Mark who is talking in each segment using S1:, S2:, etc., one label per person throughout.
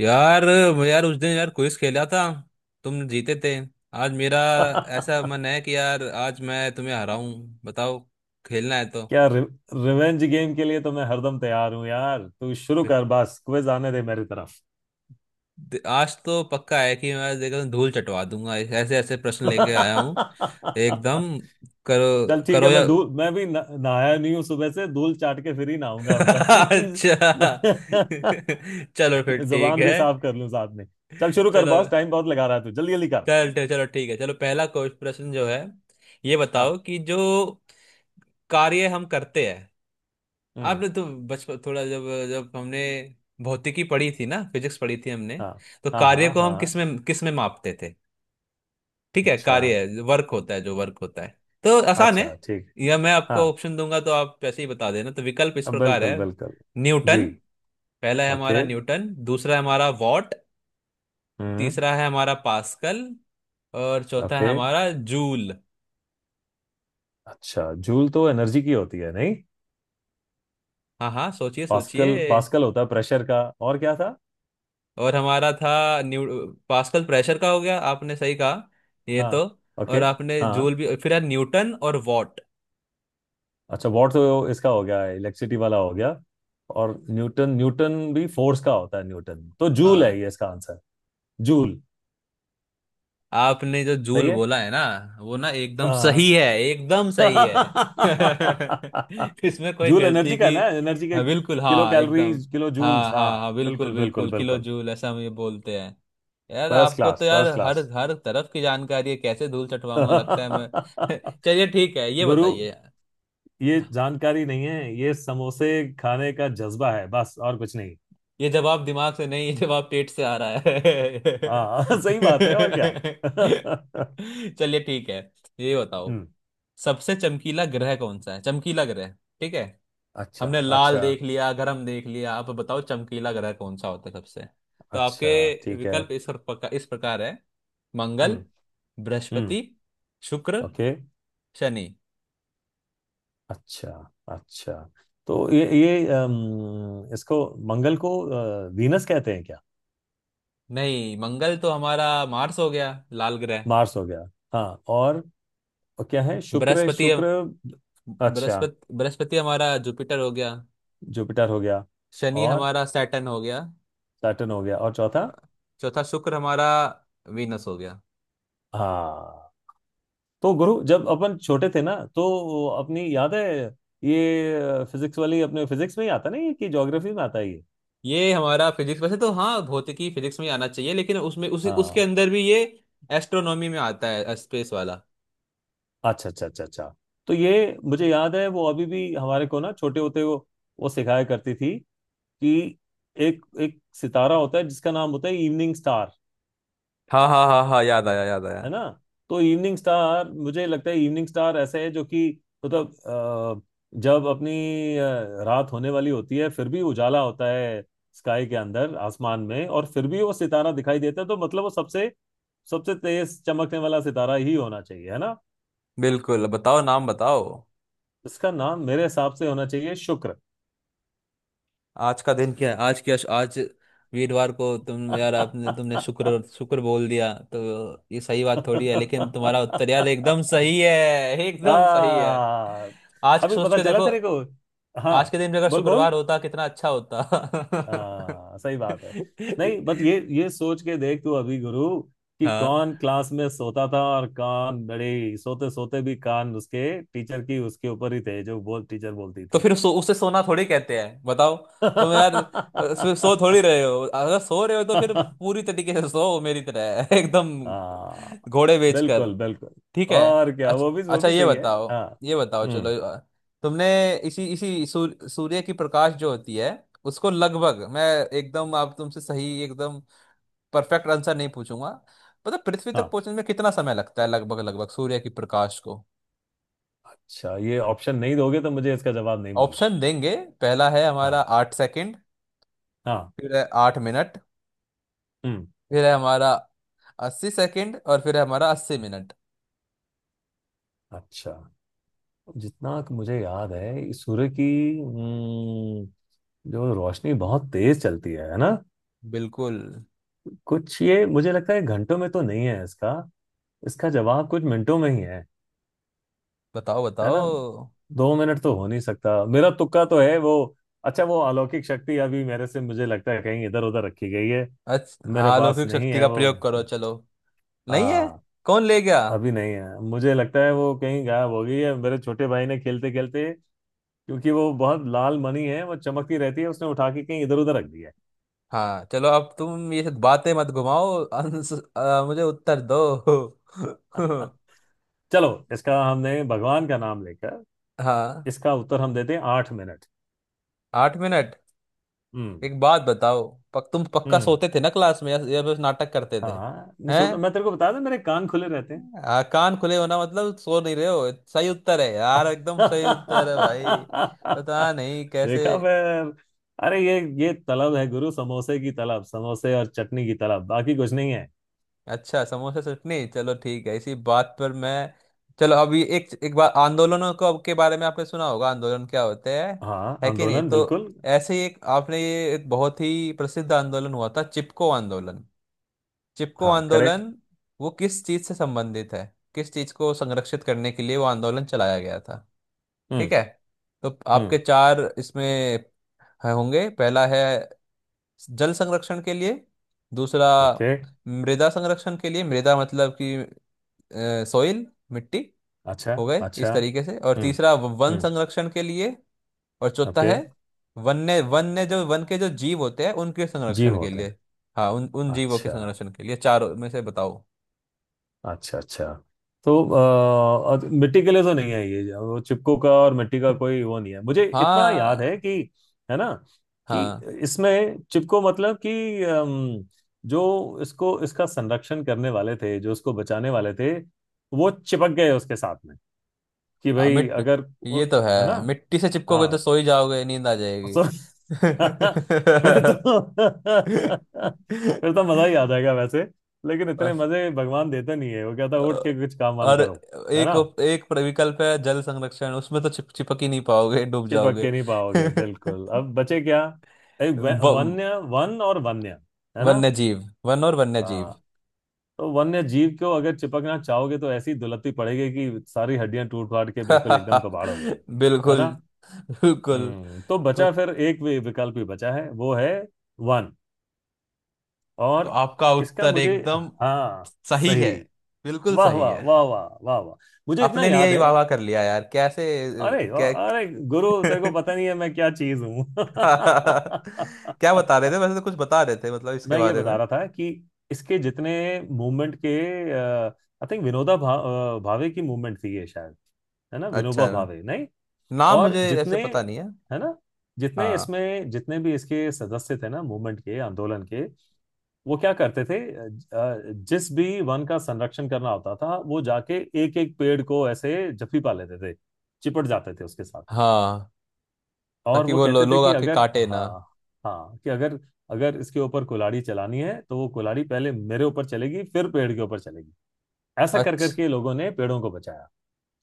S1: यार। मैं यार उस दिन यार क्विज खेला था। तुम जीते थे। आज मेरा ऐसा
S2: क्या।
S1: मन है कि यार आज मैं तुम्हें हराऊं, बताओ, खेलना है तो।
S2: रि, रिवेंज गेम के लिए तो मैं हरदम तैयार हूं यार, तू शुरू कर, बस क्विज आने दे मेरी तरफ।
S1: आज तो पक्का है कि मैं आज देखो धूल चटवा दूंगा, ऐसे ऐसे प्रश्न लेके आया हूँ। एकदम।
S2: चल
S1: करो
S2: ठीक है,
S1: करो या
S2: मैं भी नहाया नहीं हूं, सुबह से धूल चाट के फिर ही नहाऊंगा ताकि
S1: अच्छा। चलो फिर ठीक
S2: जबान
S1: है।
S2: भी साफ कर लूं साथ में। चल शुरू कर
S1: चलो
S2: बॉस, टाइम बहुत लगा रहा है, तू जल्दी जल्दी कर।
S1: चल चल- चलो ठीक है। चलो, पहला क्वेश्चन प्रश्न जो है, ये बताओ
S2: हाँ।
S1: कि जो कार्य हम करते हैं,
S2: हम्म।
S1: आपने तो बचपन थोड़ा जब जब हमने भौतिकी पढ़ी थी ना, फिजिक्स पढ़ी थी हमने,
S2: हाँ
S1: तो
S2: हाँ
S1: कार्य
S2: हाँ।
S1: को हम किस
S2: हाँ।
S1: में किस में मापते थे? ठीक है,
S2: अच्छा।
S1: कार्य वर्क होता है, जो वर्क होता है, तो आसान है।
S2: अच्छा ठीक।
S1: या मैं
S2: हाँ,
S1: आपको ऑप्शन दूंगा तो आप वैसे ही बता देना। तो विकल्प इस प्रकार है।
S2: बिल्कुल बिल्कुल। जी।
S1: न्यूटन, पहला है
S2: ओके।
S1: हमारा न्यूटन, दूसरा है हमारा वॉट,
S2: हम्म।
S1: तीसरा है हमारा पास्कल, और चौथा है
S2: ओके।
S1: हमारा जूल।
S2: अच्छा, जूल तो एनर्जी की होती है नहीं?
S1: हाँ हाँ, सोचिए
S2: पास्कल,
S1: सोचिए।
S2: पास्कल होता है प्रेशर का, और क्या था?
S1: और हमारा था न्यू, पास्कल प्रेशर का हो गया, आपने सही कहा। ये
S2: हाँ।
S1: तो।
S2: ओके।
S1: और आपने
S2: हाँ।
S1: जूल भी फिर है, न्यूटन और वॉट।
S2: अच्छा वॉट तो इसका हो गया, इलेक्ट्रिसिटी वाला हो गया। और न्यूटन, न्यूटन भी फोर्स का होता है न्यूटन। तो जूल
S1: हाँ।
S2: है, ये इसका आंसर। जूल।
S1: आपने जो
S2: सही
S1: जूल
S2: है।
S1: बोला है ना, वो ना एकदम
S2: हाँ।
S1: सही है, एकदम सही है। इसमें कोई
S2: जूल
S1: गलती
S2: एनर्जी का
S1: की।
S2: है ना, एनर्जी के
S1: हाँ बिल्कुल,
S2: किलो
S1: हाँ एकदम।
S2: कैलोरीज किलो
S1: हाँ
S2: जूल्स,
S1: हाँ
S2: हाँ
S1: हाँ, बिल्कुल
S2: बिल्कुल बिल्कुल
S1: बिल्कुल, किलो
S2: बिल्कुल।
S1: जूल ऐसा हम ये बोलते हैं। यार
S2: फर्स्ट
S1: आपको तो
S2: क्लास,
S1: यार
S2: फर्स्ट
S1: हर
S2: क्लास।
S1: हर तरफ की जानकारी है, कैसे धूल चटवाऊंगा लगता है मैं। चलिए ठीक है, ये
S2: गुरु,
S1: बताइए।
S2: ये जानकारी नहीं है, ये समोसे खाने का जज्बा है बस, और कुछ नहीं।
S1: ये जवाब दिमाग से नहीं, ये जवाब पेट से आ रहा है।
S2: हाँ सही बात है और क्या। हम्म।
S1: चलिए ठीक है, ये बताओ, सबसे चमकीला ग्रह कौन सा है, चमकीला ग्रह? ठीक है,
S2: अच्छा।
S1: हमने लाल
S2: अच्छा।
S1: देख लिया, गरम देख लिया, आप बताओ चमकीला ग्रह कौन सा होता है सबसे। तो
S2: अच्छा।
S1: आपके
S2: ठीक है।
S1: विकल्प इस प्रकार है। मंगल,
S2: हम्म। हम्म।
S1: बृहस्पति, शुक्र,
S2: ओके।
S1: शनि।
S2: अच्छा। अच्छा। तो ये इसको, मंगल को वीनस कहते हैं क्या?
S1: नहीं, मंगल तो हमारा मार्स हो गया, लाल ग्रह।
S2: मार्स हो गया। हाँ, और क्या है, शुक्र,
S1: बृहस्पति,
S2: शुक्र। अच्छा।
S1: बृहस्पति हमारा जुपिटर हो गया।
S2: जुपिटर हो गया।
S1: शनि
S2: और
S1: हमारा सैटर्न हो गया।
S2: सैटर्न हो गया और चौथा?
S1: चौथा शुक्र हमारा वीनस हो गया।
S2: हाँ। तो गुरु, जब अपन छोटे थे ना तो अपनी याद है, ये फिजिक्स वाली अपने फिजिक्स में ही आता नहीं है कि ज्योग्राफी में आता है ये?
S1: ये हमारा फिजिक्स, वैसे तो हाँ भौतिकी फिजिक्स में ही आना चाहिए, लेकिन उसमें उसी उसके
S2: हाँ।
S1: अंदर भी ये एस्ट्रोनॉमी में आता है, स्पेस वाला।
S2: अच्छा अच्छा अच्छा अच्छा। तो ये मुझे याद है, वो अभी भी हमारे को ना, छोटे होते वो सिखाया करती थी कि एक एक सितारा होता है जिसका नाम होता है इवनिंग स्टार,
S1: हाँ हाँ हाँ हाँ, याद आया याद आया।
S2: है ना। तो इवनिंग स्टार, मुझे लगता है इवनिंग स्टार ऐसे है जो कि, मतलब जब अपनी रात होने वाली होती है फिर भी उजाला होता है स्काई के अंदर, आसमान में, और फिर भी वो सितारा दिखाई देता है, तो मतलब वो सबसे सबसे तेज चमकने वाला सितारा ही होना चाहिए, है ना।
S1: बिल्कुल, बताओ नाम बताओ।
S2: इसका नाम मेरे हिसाब से होना चाहिए शुक्र।
S1: आज का दिन क्या है, आज क्या, आज वीरवार को तुम यार आपने तुमने शुक्र शुक्र बोल दिया तो ये सही बात थोड़ी है, लेकिन तुम्हारा उत्तर यार एकदम सही है,
S2: आ,
S1: एकदम सही है। आज
S2: अभी
S1: सोच
S2: पता
S1: के
S2: चला
S1: देखो,
S2: तेरे को। हाँ,
S1: आज के दिन भी अगर
S2: बोल बोल।
S1: शुक्रवार होता कितना अच्छा होता।
S2: हाँ सही बात है। नहीं बट ये सोच के देख तू अभी गुरु, कि
S1: हाँ।
S2: कौन क्लास में सोता था और कौन बड़े, सोते सोते भी कान उसके टीचर की उसके ऊपर ही थे, जो बोल टीचर बोलती
S1: तो
S2: थी।
S1: फिर उसे सोना थोड़ी कहते हैं, बताओ। तुम यार सो थोड़ी रहे हो, अगर सो रहे हो तो फिर पूरी तरीके से सो मेरी तरह एकदम,
S2: हाँ
S1: घोड़े बेच कर।
S2: बिल्कुल बिल्कुल।
S1: ठीक है।
S2: और क्या,
S1: अच्छा,
S2: वो
S1: अच्छा
S2: भी
S1: ये
S2: सही है
S1: बताओ,
S2: हाँ।
S1: ये बताओ, चलो
S2: हम्म।
S1: तुमने इसी इसी सूर्य की प्रकाश जो होती है उसको लगभग मैं एकदम, आप तुमसे सही एकदम परफेक्ट आंसर नहीं पूछूंगा, मतलब पृथ्वी तक
S2: हाँ।
S1: पहुंचने में कितना समय लगता है लगभग लगभग सूर्य की प्रकाश को।
S2: अच्छा, ये ऑप्शन नहीं दोगे तो मुझे इसका जवाब नहीं मालूम।
S1: ऑप्शन देंगे, पहला है हमारा
S2: हाँ।
S1: आठ सेकंड,
S2: हाँ।
S1: फिर है आठ मिनट,
S2: हम्म।
S1: फिर है हमारा अस्सी सेकंड और फिर है हमारा अस्सी मिनट।
S2: अच्छा, जितना कि मुझे याद है सूर्य की जो रोशनी बहुत तेज चलती है ना,
S1: बिल्कुल,
S2: कुछ ये मुझे लगता है घंटों में तो नहीं है इसका, इसका जवाब कुछ मिनटों में ही है
S1: बताओ
S2: है ना।
S1: बताओ।
S2: 2 मिनट तो हो नहीं सकता, मेरा तुक्का तो है वो। अच्छा, वो अलौकिक शक्ति अभी मेरे से, मुझे लगता है कहीं इधर उधर रखी गई है।
S1: अच्छा
S2: मेरे
S1: हाँ,
S2: पास
S1: अलौकिक
S2: नहीं
S1: शक्ति
S2: है
S1: का
S2: वो।
S1: प्रयोग करो, चलो। नहीं है?
S2: हाँ।
S1: कौन ले गया?
S2: अभी नहीं है, मुझे लगता है वो कहीं गायब हो गई है, मेरे छोटे भाई ने खेलते खेलते, क्योंकि वो बहुत लाल मणि है, वो चमकती रहती है, उसने उठा के कहीं इधर उधर रख दिया।
S1: हाँ, चलो अब तुम ये बातें मत घुमाओ, मुझे उत्तर दो।
S2: चलो इसका हमने भगवान का नाम लेकर,
S1: हाँ,
S2: इसका उत्तर हम देते हैं 8 मिनट।
S1: आठ मिनट।
S2: हम्म।
S1: एक बात बताओ, पक तुम पक्का
S2: हम्म।
S1: सोते थे ना क्लास में, या बस नाटक करते थे?
S2: हाँ, नहीं
S1: हैं?
S2: सोचा, मैं तेरे को बता दूं, मेरे कान खुले रहते हैं।
S1: कान खुले होना मतलब सो नहीं रहे हो, सही उत्तर है यार, एकदम सही उत्तर है भाई। पता नहीं कैसे।
S2: देखा फिर। अरे ये तलब है गुरु, समोसे की तलब, समोसे और चटनी की तलब, बाकी कुछ नहीं है।
S1: अच्छा समोसा चटनी, चलो ठीक है, इसी बात पर मैं। चलो, अभी एक एक बार आंदोलनों को के बारे में आपने सुना होगा, आंदोलन क्या होते हैं,
S2: हाँ
S1: है कि नहीं?
S2: आंदोलन
S1: तो
S2: बिल्कुल।
S1: ऐसे ही एक आपने ये एक बहुत ही प्रसिद्ध आंदोलन हुआ था, चिपको आंदोलन, चिपको
S2: हाँ करेक्ट।
S1: आंदोलन, वो किस चीज से संबंधित है, किस चीज को संरक्षित करने के लिए वो आंदोलन चलाया गया था?
S2: हम्म।
S1: ठीक है। तो आपके
S2: हम्म।
S1: चार इसमें है होंगे। पहला है जल संरक्षण के लिए, दूसरा
S2: ओके।
S1: मृदा संरक्षण के लिए, मृदा मतलब कि सॉइल, मिट्टी,
S2: अच्छा।
S1: हो गए इस
S2: अच्छा।
S1: तरीके से। और
S2: हम्म।
S1: तीसरा वन
S2: हम्म।
S1: संरक्षण के लिए। और चौथा
S2: ओके।
S1: है वन्य, वन्य जो वन के जो जीव होते हैं उनके
S2: जीव
S1: संरक्षण के
S2: होते हैं।
S1: लिए, हाँ उन उन जीवों के
S2: अच्छा।
S1: संरक्षण के लिए, चारों में से बताओ।
S2: अच्छा। अच्छा, तो मिट्टी के लिए तो नहीं है ये, वो चिपकू का और मिट्टी का कोई वो नहीं है, मुझे इतना याद है
S1: हाँ
S2: कि, है ना, कि
S1: हाँ,
S2: इसमें चिपको मतलब कि जो इसको इसका संरक्षण करने वाले थे, जो इसको बचाने वाले थे, वो चिपक गए उसके साथ में, कि
S1: आ,
S2: भाई
S1: मिट
S2: अगर
S1: ये
S2: उन-
S1: तो
S2: है ना।
S1: है, मिट्टी से चिपकोगे
S2: हाँ।
S1: तो सो ही जाओगे, नींद आ जाएगी।
S2: सो फिर तो
S1: बस।
S2: फिर तो मजा ही आ जाएगा वैसे, लेकिन इतने मजे भगवान देते नहीं है, वो कहता
S1: अ,
S2: है उठ के कुछ काम वाम
S1: और
S2: करो, है
S1: एक,
S2: ना।
S1: एक विकल्प है जल संरक्षण, उसमें तो चिपक ही नहीं पाओगे, डूब
S2: चिपक
S1: जाओगे।
S2: के नहीं पाओगे बिल्कुल, अब बचे क्या, एक
S1: व,
S2: वन्य, वन और वन्य, है ना।
S1: वन्य जीव, वन और वन्य जीव।
S2: हाँ। तो वन्य जीव को अगर चिपकना चाहोगे तो ऐसी दुलत्ती पड़ेगी कि सारी हड्डियां टूट फाट के बिल्कुल एकदम कबाड़ हो जाएंगी, है
S1: बिल्कुल
S2: ना।
S1: बिल्कुल।
S2: हम्म, तो
S1: तो
S2: बचा फिर एक विकल्प ही बचा है, वो है वन। और
S1: आपका
S2: इसका
S1: उत्तर
S2: मुझे,
S1: एकदम
S2: हाँ,
S1: सही
S2: सही।
S1: है, बिल्कुल
S2: वाह
S1: सही
S2: वाह
S1: है।
S2: वाह वाह वाह वाह। मुझे इतना
S1: अपने लिए
S2: याद
S1: ही
S2: है।
S1: वाह वाह कर लिया यार, कैसे
S2: अरे वाह,
S1: क्या।
S2: अरे गुरु, तेरे को पता नहीं है मैं क्या चीज हूँ।
S1: क्या बता रहे थे, वैसे तो कुछ बता रहे थे मतलब इसके
S2: मैं ये
S1: बारे
S2: बता
S1: में।
S2: रहा था कि इसके जितने मूवमेंट के, आई थिंक भावे की मूवमेंट थी ये शायद, है ना,
S1: अच्छा,
S2: विनोबा भावे, नहीं?
S1: नाम
S2: और
S1: मुझे ऐसे
S2: जितने,
S1: पता नहीं है।
S2: है ना, जितने
S1: हाँ
S2: इसमें जितने भी इसके सदस्य थे ना, मूवमेंट के, आंदोलन के, वो क्या करते थे, जिस भी वन का संरक्षण करना होता था वो जाके एक एक पेड़ को ऐसे जफी पा लेते थे, चिपट जाते थे उसके साथ में।
S1: हाँ,
S2: और
S1: ताकि
S2: वो
S1: वो
S2: कहते थे
S1: लोग
S2: कि
S1: आके
S2: अगर,
S1: काटे ना।
S2: हाँ हाँ, कि अगर अगर इसके ऊपर कुल्हाड़ी चलानी है तो वो कुल्हाड़ी पहले मेरे ऊपर चलेगी फिर पेड़ के ऊपर चलेगी। ऐसा कर
S1: अच्छा,
S2: करके लोगों ने पेड़ों को बचाया।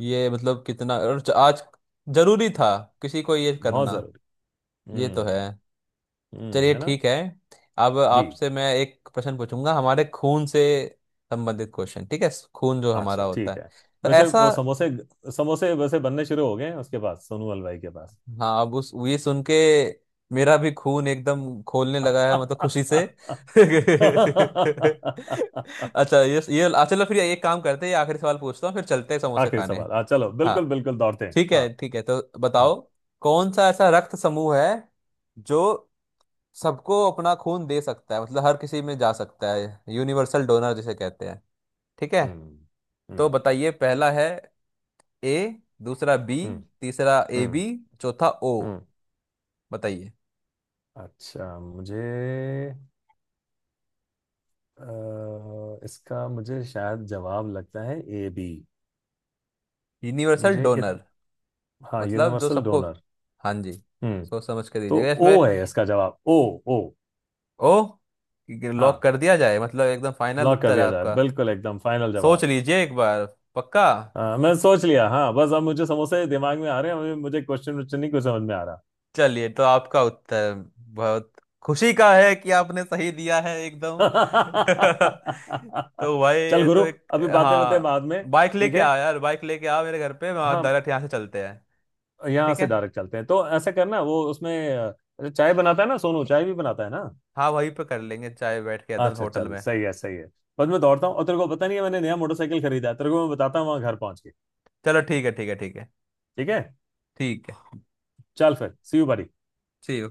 S1: ये मतलब कितना और आज जरूरी था किसी को ये
S2: बहुत
S1: करना।
S2: जरूरी।
S1: ये तो है।
S2: हम्म। हम्म।
S1: चलिए
S2: है ना।
S1: ठीक है, अब
S2: जी।
S1: आपसे मैं एक प्रश्न पूछूंगा, हमारे खून से संबंधित क्वेश्चन। ठीक है, खून जो हमारा
S2: अच्छा
S1: होता
S2: ठीक
S1: है,
S2: है।
S1: तो
S2: वैसे
S1: ऐसा।
S2: वो समोसे, समोसे वैसे बनने शुरू हो गए हैं उसके पास, सोनू हलवाई के पास।
S1: हाँ, अब उस ये सुन के मेरा भी खून एकदम खोलने लगा है, मतलब खुशी से। अच्छा, ये चलो फिर एक काम करते हैं, ये आखिरी सवाल पूछता हूँ, फिर चलते हैं समोसे
S2: आखिरी
S1: खाने।
S2: सवाल, हाँ चलो
S1: हाँ।
S2: बिल्कुल बिल्कुल, दौड़ते हैं
S1: ठीक
S2: हाँ।
S1: है ठीक है, तो
S2: हम्म।
S1: बताओ, कौन सा ऐसा रक्त समूह है जो सबको अपना खून दे सकता है, मतलब हर किसी में जा सकता है, यूनिवर्सल डोनर जिसे कहते हैं? ठीक है।
S2: हम्म।
S1: तो
S2: हम्म।
S1: बताइए, पहला है ए, दूसरा बी,
S2: हम्म।
S1: तीसरा ए
S2: हम्म।
S1: बी, चौथा ओ।
S2: हम्म।
S1: बताइए।
S2: अच्छा मुझे, इसका मुझे शायद जवाब लगता है AB।
S1: यूनिवर्सल
S2: मुझे इत,
S1: डोनर
S2: हाँ,
S1: मतलब जो
S2: यूनिवर्सल
S1: सबको,
S2: डोनर।
S1: हाँ जी,
S2: हम्म।
S1: सोच समझ कर
S2: तो
S1: दीजिएगा इसमें।
S2: ओ है, इसका जवाब ओ। ओ।
S1: ओ? लॉक
S2: हाँ,
S1: कर दिया जाए मतलब एकदम फाइनल
S2: लॉक कर
S1: उत्तर है
S2: दिया जाए,
S1: आपका?
S2: बिल्कुल एकदम फाइनल
S1: सोच
S2: जवाब।
S1: लीजिए एक बार, पक्का।
S2: हाँ मैं सोच लिया, हाँ, बस अब मुझे समोसे दिमाग में आ रहे हैं, मुझे क्वेश्चन वोश्चन नहीं कुछ समझ में आ रहा।
S1: चलिए, तो आपका उत्तर बहुत खुशी का है कि आपने सही दिया है एकदम। तो भाई
S2: चल
S1: ये तो
S2: गुरु,
S1: एक,
S2: अभी बातें बातें
S1: हाँ
S2: बाद में।
S1: बाइक
S2: ठीक
S1: लेके
S2: है।
S1: आ यार, बाइक लेके आ मेरे घर पे, वहाँ
S2: हाँ।
S1: डायरेक्ट यहाँ से चलते हैं।
S2: यहाँ
S1: ठीक है।
S2: से डायरेक्ट चलते हैं, तो ऐसे करना वो उसमें चाय बनाता है ना सोनू, चाय भी बनाता है ना?
S1: हाँ वहीं पे कर लेंगे चाय, बैठ के एकदम
S2: अच्छा
S1: होटल
S2: चल,
S1: में।
S2: सही है सही है। बस मैं दौड़ता हूँ, और तेरे को पता नहीं है, मैंने नया मोटरसाइकिल खरीदा है, तेरे को मैं बताता हूँ वहां घर पहुंच के।
S1: चलो ठीक है ठीक है ठीक है।
S2: ठीक है।
S1: ठीक है।
S2: चल फिर CU बड़ी।
S1: See you.